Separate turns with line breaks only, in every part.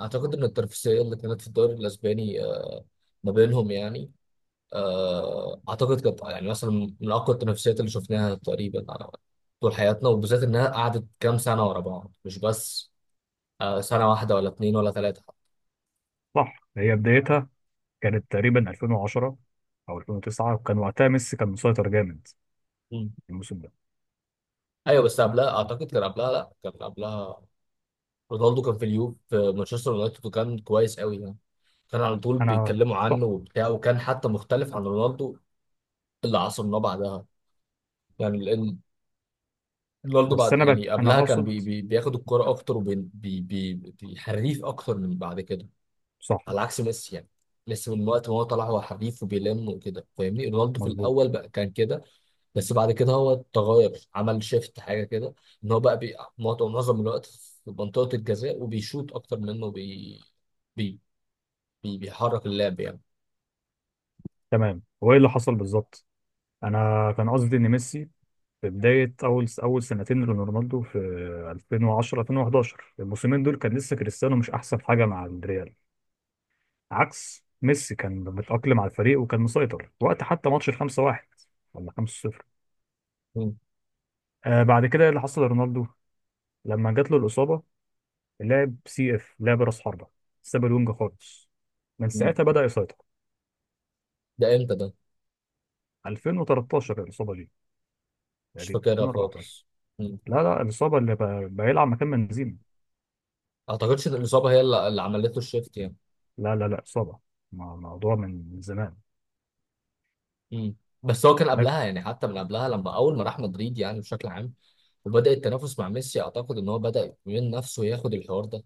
اعتقد ان التنافسيه اللي كانت في الدوري الاسباني ما بينهم يعني، اعتقد كانت يعني مثلا من اقوى التنافسيات اللي شفناها تقريبا على طول حياتنا، وبالذات انها قعدت كام سنه ورا بعض، مش بس سنه واحده ولا اتنين ولا ثلاثه.
صح، هي بدايتها كانت تقريبا 2010 او 2009. وكان وقتها ميسي كان مسيطر جامد
مم.
الموسم ده.
ايوه، بس قبلها اعتقد كان قبلها، لا كان قبلها رونالدو كان في اليوف في مانشستر يونايتد، وكان كويس قوي يعني، كان على طول
انا،
بيتكلموا
صح.
عنه وبتاع، وكان حتى مختلف عن رونالدو اللي عصرناه بعدها يعني. رونالدو
بس
بعد يعني
انا
قبلها كان بي
اقصد.
بي بياخد الكرة أكتر وبيحريف أكتر من بعد كده،
صح.
على عكس ميسي يعني. ميسي من وقت ما هو طلع هو حريف وبيلم وكده، فاهمني؟ رونالدو في
مظبوط.
الأول بقى كان كده، بس بعد كده هو اتغير، عمل شيفت حاجة كده، إن هو بقى بي معظم الوقت في منطقة الجزاء وبيشوط أكتر منه بي بي بي بيحرك اللعب يعني.
تمام. هو ايه اللي حصل بالظبط؟ انا كان قصدي ان ميسي في بدايه اول سنتين لرونالدو في 2010 2011، الموسمين دول كان لسه كريستيانو مش احسن حاجه مع الريال، عكس ميسي كان متاقلم على الفريق وكان مسيطر وقت حتى ماتش ال 5-1 ولا 5-0.
مم.
بعد كده، إيه اللي حصل لرونالدو لما جات له الإصابة؟ لعب سي إف، لعب رأس حربة، ساب الونج خالص. من
مم.
ساعتها بدأ يسيطر.
ده إمتى ده؟
2013 الإصابة دي،
مش
تقريبا
فاكرها
2014.
خالص. مم.
لا لا، الإصابة اللي بيلعب مكان بنزيما.
أعتقدش إن الإصابة هي اللي عملته الشيفت يعني.
لا لا لا، إصابة موضوع من زمان.
مم. بس هو كان
لك.
قبلها يعني، حتى من قبلها لما اول ما راح مدريد يعني بشكل عام، وبدا التنافس مع ميسي، اعتقد ان هو بدا من نفسه ياخد الحوار ده،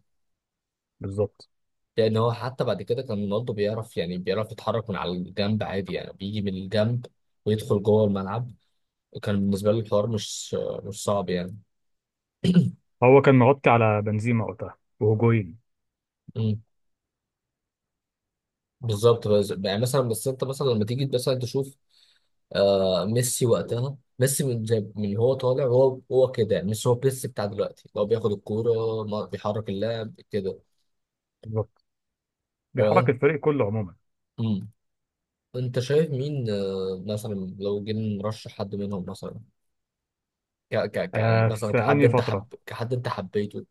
بالظبط،
لان هو حتى بعد كده كان رونالدو بيعرف يعني، بيعرف يتحرك من على الجنب عادي يعني، بيجي من الجنب ويدخل جوه الملعب. كان بالنسبه له الحوار مش صعب يعني.
هو كان مغطي على بنزيما وقتها وهجوين.
مم. بالظبط، بس يعني مثلا، بس انت مثلا لما تيجي مثلا تشوف ميسي، وقتها ميسي من جاب من هو طالع، هو هو كده مش هو ميسي بتاع دلوقتي، هو بياخد الكوره بيحرك اللاعب كده.
بالظبط، بيحرك
أنت.
الفريق كله عموما.
مم. أنت شايف مين مثلا، لو جينا نرشح حد منهم مثلا، يعني مثلا
في
كحد
أنهي
أنت
فترة؟
حب، كحد أنت حبيته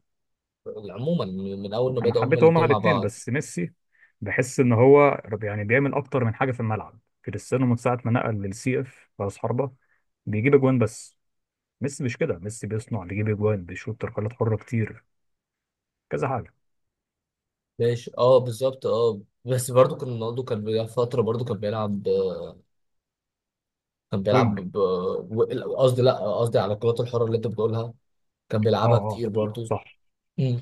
عموما من من أول ما
انا
بدأوا هما
حبيت هما
الاتنين مع
الاثنين،
بعض.
بس ميسي بحس ان هو يعني بيعمل اكتر من حاجه في الملعب. كريستيانو من ساعه ما نقل للسي اف راس حربه بيجيب اجوان بس. ميسي مش كده، ميسي بيصنع، بيجيب اجوان، بيشوط تركلات حره كتير، كذا حاجه.
ماشي، أه بالظبط، أه بس برضه كان رونالدو كان بيلعب فترة، برضه كان بيلعب كان بيلعب
وينج.
قصدي، لا قصدي على الكرات الحرة اللي أنت بتقولها، كان
اه
بيلعبها
اه،
كتير برضه.
صح.
مم.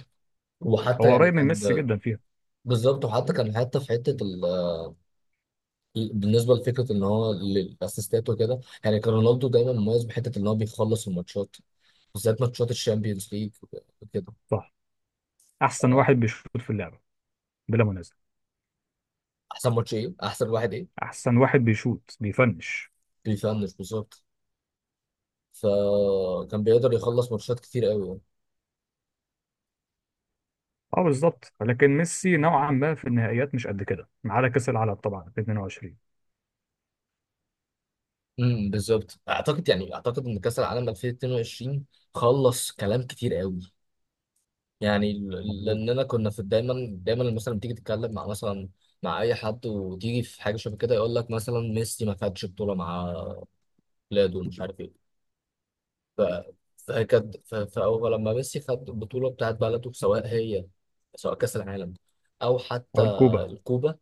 وحتى
هو
يعني
قريب من
كان
ميسي جدا فيها.
بالظبط، وحتى كان، حتى في حتة بالنسبه لفكره ان هو للاسيستات وكده يعني، كان رونالدو دايما مميز بحته ان هو بيخلص الماتشات، بالذات ماتشات الشامبيونز ليج وكده.
صح. احسن واحد بيشوط في اللعبه بلا منازع.
احسن ماتش ايه؟ احسن واحد ايه؟
احسن واحد بيشوط بيفنش.
بيفنش بالظبط، فكان بيقدر يخلص ماتشات كتير قوي يعني.
اه بالظبط، لكن ميسي نوعا ما في النهائيات مش قد كده، ما عدا كاس العالم طبعا في 22.
بالظبط، اعتقد يعني اعتقد ان كاس العالم 2022 خلص كلام كتير قوي يعني،
مظبوط.
لاننا كنا في دايما، دايما مثلا لما تيجي تتكلم مع مثلا، مع اي حد وتيجي في حاجه شبه كده، يقول لك مثلا ميسي ما خدش بطوله مع بلاده ومش عارف ايه، ف- فكانت فهو لما ميسي خد البطولة بتاعت بلده، سواء هي سواء كأس العالم أو حتى
او الكوبا.
الكوبا،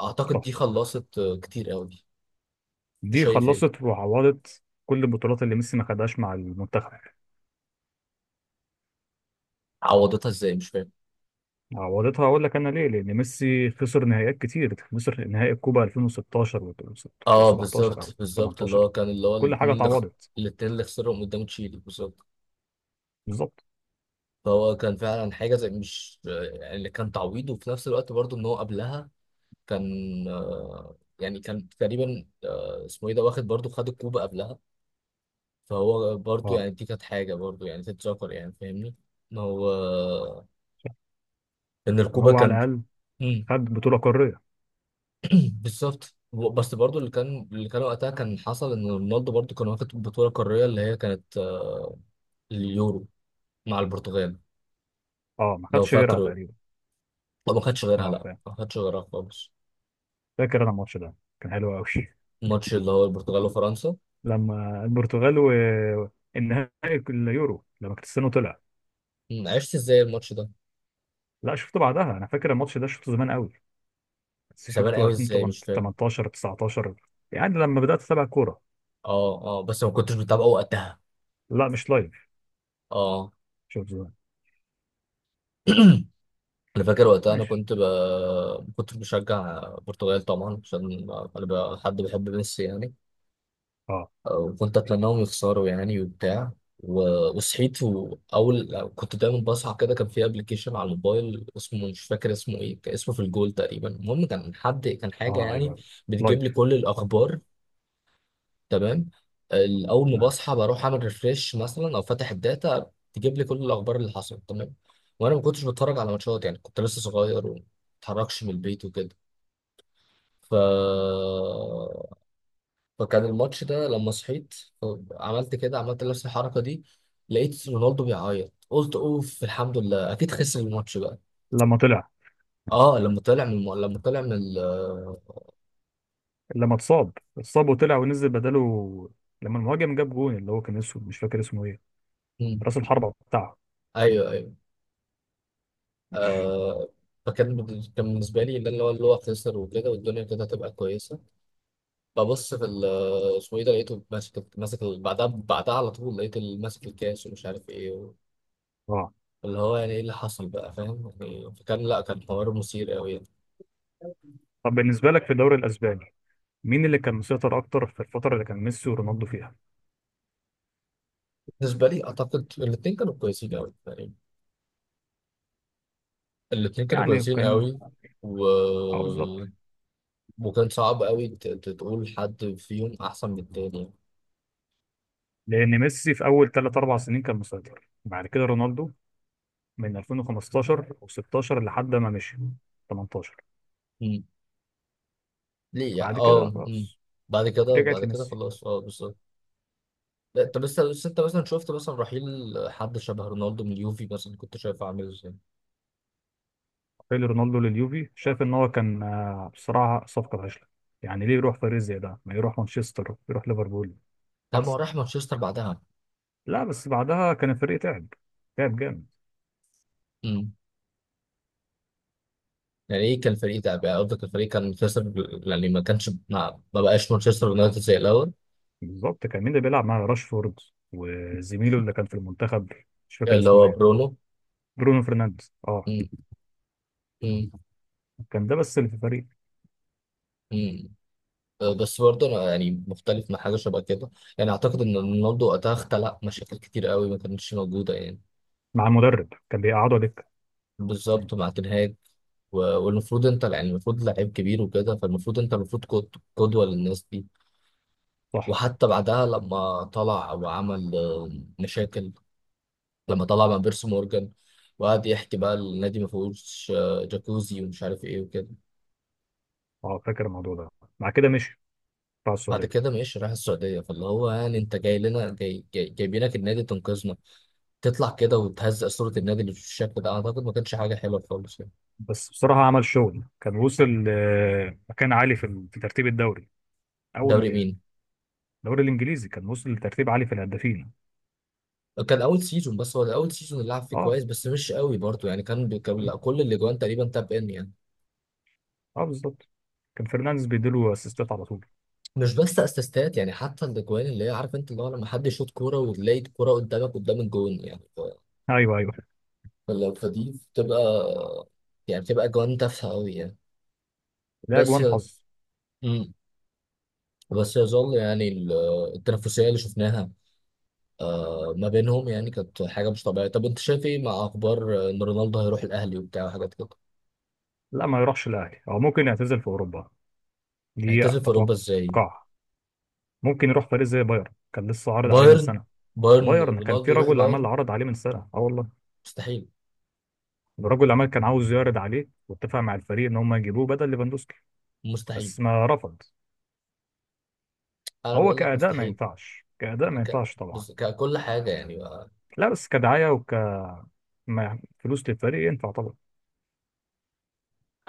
أعتقد
صح،
دي خلصت كتير قوي. أنت
دي
شايف إيه؟
خلصت وعوضت كل البطولات اللي ميسي ما خدهاش مع المنتخب.
عوضتها إزاي؟ مش فاهم.
عوضتها، اقول لك انا ليه: لان ميسي خسر نهائيات كتير، خسر نهائي الكوبا 2016
أه
و17 او
بالظبط بالظبط، اللي هو
18،
كان، اللي هو
كل حاجه
الاتنين اللي
اتعوضت.
الاتنين اللي خسرهم قدام تشيلي بالظبط.
بالظبط.
فهو كان فعلا حاجة زي مش يعني اللي كان تعويض، وفي نفس الوقت برضه إن هو قبلها كان يعني كان تقريبا اسمه إيه ده، واخد برضه، خد الكوبا قبلها، فهو برضو
اه،
يعني دي كانت حاجة برضو يعني تتذكر يعني، فاهمني ان هو، ان
ان
الكوبا
هو على
كان.
الاقل
مم.
خد بطوله قاريه.
بالظبط، بس برضو اللي كان، اللي كان وقتها كان حصل ان رونالدو برضو كان واخد بطولة قارية، اللي هي كانت اليورو مع البرتغال،
اه، ما
لو
خدش غيرها
فاكر.
تقريبا.
لو ما خدش غيرها،
اه
لا
فاهم.
ما خدش غيرها خالص.
فاكر انا الماتش ده، كان حلو قوي
الماتش اللي هو البرتغال وفرنسا.
لما البرتغال والنهائي، اليورو، لما كريستيانو طلع.
مم، عشت ازاي الماتش ده؟
لا، شفته بعدها. انا فاكر الماتش ده شفته زمان قوي، بس
زمان
شفته
قوي ازاي؟ مش فاهم.
2018 19. يعني لما بدأت أتابع كورة.
اه اه، بس ما كنتش بتابعه وقتها.
لا، مش لايف.
اه.
شوف، زمان.
انا فاكر وقتها، انا
ماشي.
كنت ب... كنت بشجع البرتغال طبعا، عشان انا ب... حد بيحب ميسي يعني،
اه
وكنت اتمناهم يخسروا يعني وبتاع و... وصحيت، واول كنت دايما بصحى كده، كان في ابلكيشن على الموبايل اسمه مش فاكر اسمه ايه، كان اسمه في الجول تقريبا، المهم كان حد كان حاجه
اه.
يعني
ايوه،
بتجيب لي
لايف.
كل الاخبار. تمام. اول ما
نعم.
بصحى بروح اعمل ريفريش مثلا او فاتح الداتا، تجيب لي كل الاخبار اللي حصلت. تمام. وانا ما كنتش بتفرج على ماتشات يعني، كنت لسه صغير وما اتحركش من البيت وكده، ف... فكان الماتش ده لما صحيت، عملت كده، عملت نفس الحركه دي، لقيت رونالدو بيعيط، قلت اوف الحمد لله اكيد خسر الماتش بقى.
لما طلع.
اه لما طلع من لما طلع من ال...
لما اتصاب. اتصاب وطلع ونزل بداله. لما المهاجم جاب جون، اللي هو كان اسمه مش فاكر اسمه ايه،
مم.
راس الحربة بتاعه.
ايوه ايوه. آه. فكان كان بالنسبة لي اللي، اللي هو خسر وكده، والدنيا كده هتبقى كويسة، ببص في اسمه ايه ده، لقيته ماسك، ماسك بعدها، بعدها على طول لقيت ماسك الكاس ومش عارف ايه
اه.
اللي هو يعني ايه اللي حصل بقى، فاهم يعني. فكان لا كان حوار مثير قوي يعني.
طب بالنسبة لك في الدوري الأسباني، مين اللي كان مسيطر أكتر في الفترة اللي كان ميسي ورونالدو فيها؟
بالنسبة لي اعتقد الاتنين كانوا كويسين قوي يعني، الاتنين كانوا
يعني
كويسين
كان.
قوي و...
اه بالظبط.
وكان صعب قوي تقول حد فيهم احسن من التاني.
لأن ميسي في أول ثلاث أربع سنين كان مسيطر، بعد كده رونالدو من 2015 و16 لحد ما مشي 18.
مم. ليه يعني؟
بعد
اه
كده
مم.
خلاص،
بعد كده،
رجعت
بعد كده
لميسي.
خلاص، اه بالظبط. لا انت لسه، لسه انت مثلا شفت مثلا رحيل حد شبه رونالدو من اليوفي مثلا، كنت شايفه عامل ازاي؟
رجع رونالدو لليوفي، شاف ان هو كان بصراحه صفقه فاشله. يعني ليه يروح فريق زي ده؟ ما يروح مانشستر، يروح ليفربول
ده ما هو
احسن.
راح مانشستر بعدها.
لا، بس بعدها كان الفريق تعب، تعب جامد.
امم، يعني ايه كان الفريق ده بقى، قصدك الفريق كان مانشستر، يعني ما كانش ما بقاش مانشستر يونايتد زي الاول.
بالظبط. كان مين اللي بيلعب مع راشفورد وزميله اللي كان في المنتخب؟ مش فاكر
اللي
اسمه
هو
ايه.
برونو.
برونو فرنانديز، اه.
امم، امم،
كان ده بس اللي في الفريق.
امم. أه، بس برضه انا يعني مختلف مع حاجه شبه كده يعني. اعتقد ان رونالدو وقتها خلق مشاكل كتير قوي ما كانتش موجوده يعني،
مع المدرب كان بيقعدوا دكه. مم.
بالظبط مع تنهاج. والمفروض انت يعني، المفروض لعيب كبير وكده، فالمفروض انت المفروض قدوه للناس دي.
صح.
وحتى بعدها لما طلع وعمل مشاكل، لما طلع مع بيرسي مورجان وقعد يحكي بقى النادي ما فيهوش جاكوزي ومش عارف ايه وكده.
اه، فاكر الموضوع ده. مع كده مشي بتاع
بعد
السعوديه.
كده ماشي راح السعودية، فاللي هو يعني انت جاي لنا، جاي جايبينك النادي تنقذنا، تطلع كده وتهزق صورة النادي اللي في الشكل ده، اعتقد ما كانش حاجة حلوة خالص يعني.
بس بصراحة عمل شغل، كان وصل مكان عالي في في ترتيب الدوري أول ما
دوري
جه.
مين؟
الدوري الإنجليزي، كان وصل لترتيب عالي في الهدافين.
كان اول سيزون، بس هو ده اول سيزون اللي لعب فيه
أه.
كويس، بس مش قوي برضه يعني، كان لا، كل الاجوان تقريبا تاب ان يعني.
أه بالظبط، كان فرنانديز بيديله أسيستات على طول.
مش بس اسيستات يعني، حتى الاجوان اللي هي عارف انت اللي هو لما حد يشوط كوره وتلاقي الكوره قدامك قدام الجون يعني،
أيوه أيوه.
فلو فدي بتبقى، يعني بتبقى اجوان تافهه قوي يعني.
لا،
بس
أجوان
ي...
حظ.
مم. بس يظل يعني التنافسيه اللي شفناها ما بينهم يعني، كانت حاجه مش طبيعيه. طب انت شايف ايه مع اخبار ان رونالدو هيروح الاهلي وبتاع وحاجات كده؟
لا ما يروحش الأهلي، أو ممكن يعتزل في أوروبا. دي
هيعتزل في اوروبا ازاي؟
أتوقع. ممكن يروح فريق زي بايرن، كان لسه عارض عليه من
بايرن؟
سنة.
بايرن،
بايرن، كان في
رونالدو يروح
رجل عمل
بايرن؟
عرض عليه من سنة، أه والله.
مستحيل.
الرجل العمل كان عاوز يعرض عليه واتفق مع الفريق إن هم يجيبوه بدل ليفاندوسكي،
مستحيل،
بس ما رفض.
انا
هو
بقول لك
كأداء ما
مستحيل.
ينفعش، كأداء ما
ك...
ينفعش طبعا.
ككل حاجه يعني.
لا، بس كدعاية وكفلوس للفريق ينفع طبعا.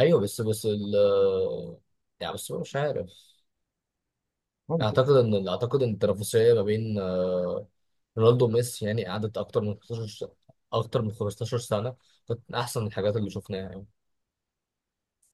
ايوه بس، بس ال يعني بس مش عارف. اعتقد
ممكن.
ان، اعتقد ان التنافسيه ما بين رونالدو وميسي يعني قعدت اكتر من 15 سنه، كانت من احسن الحاجات اللي شفناها يعني.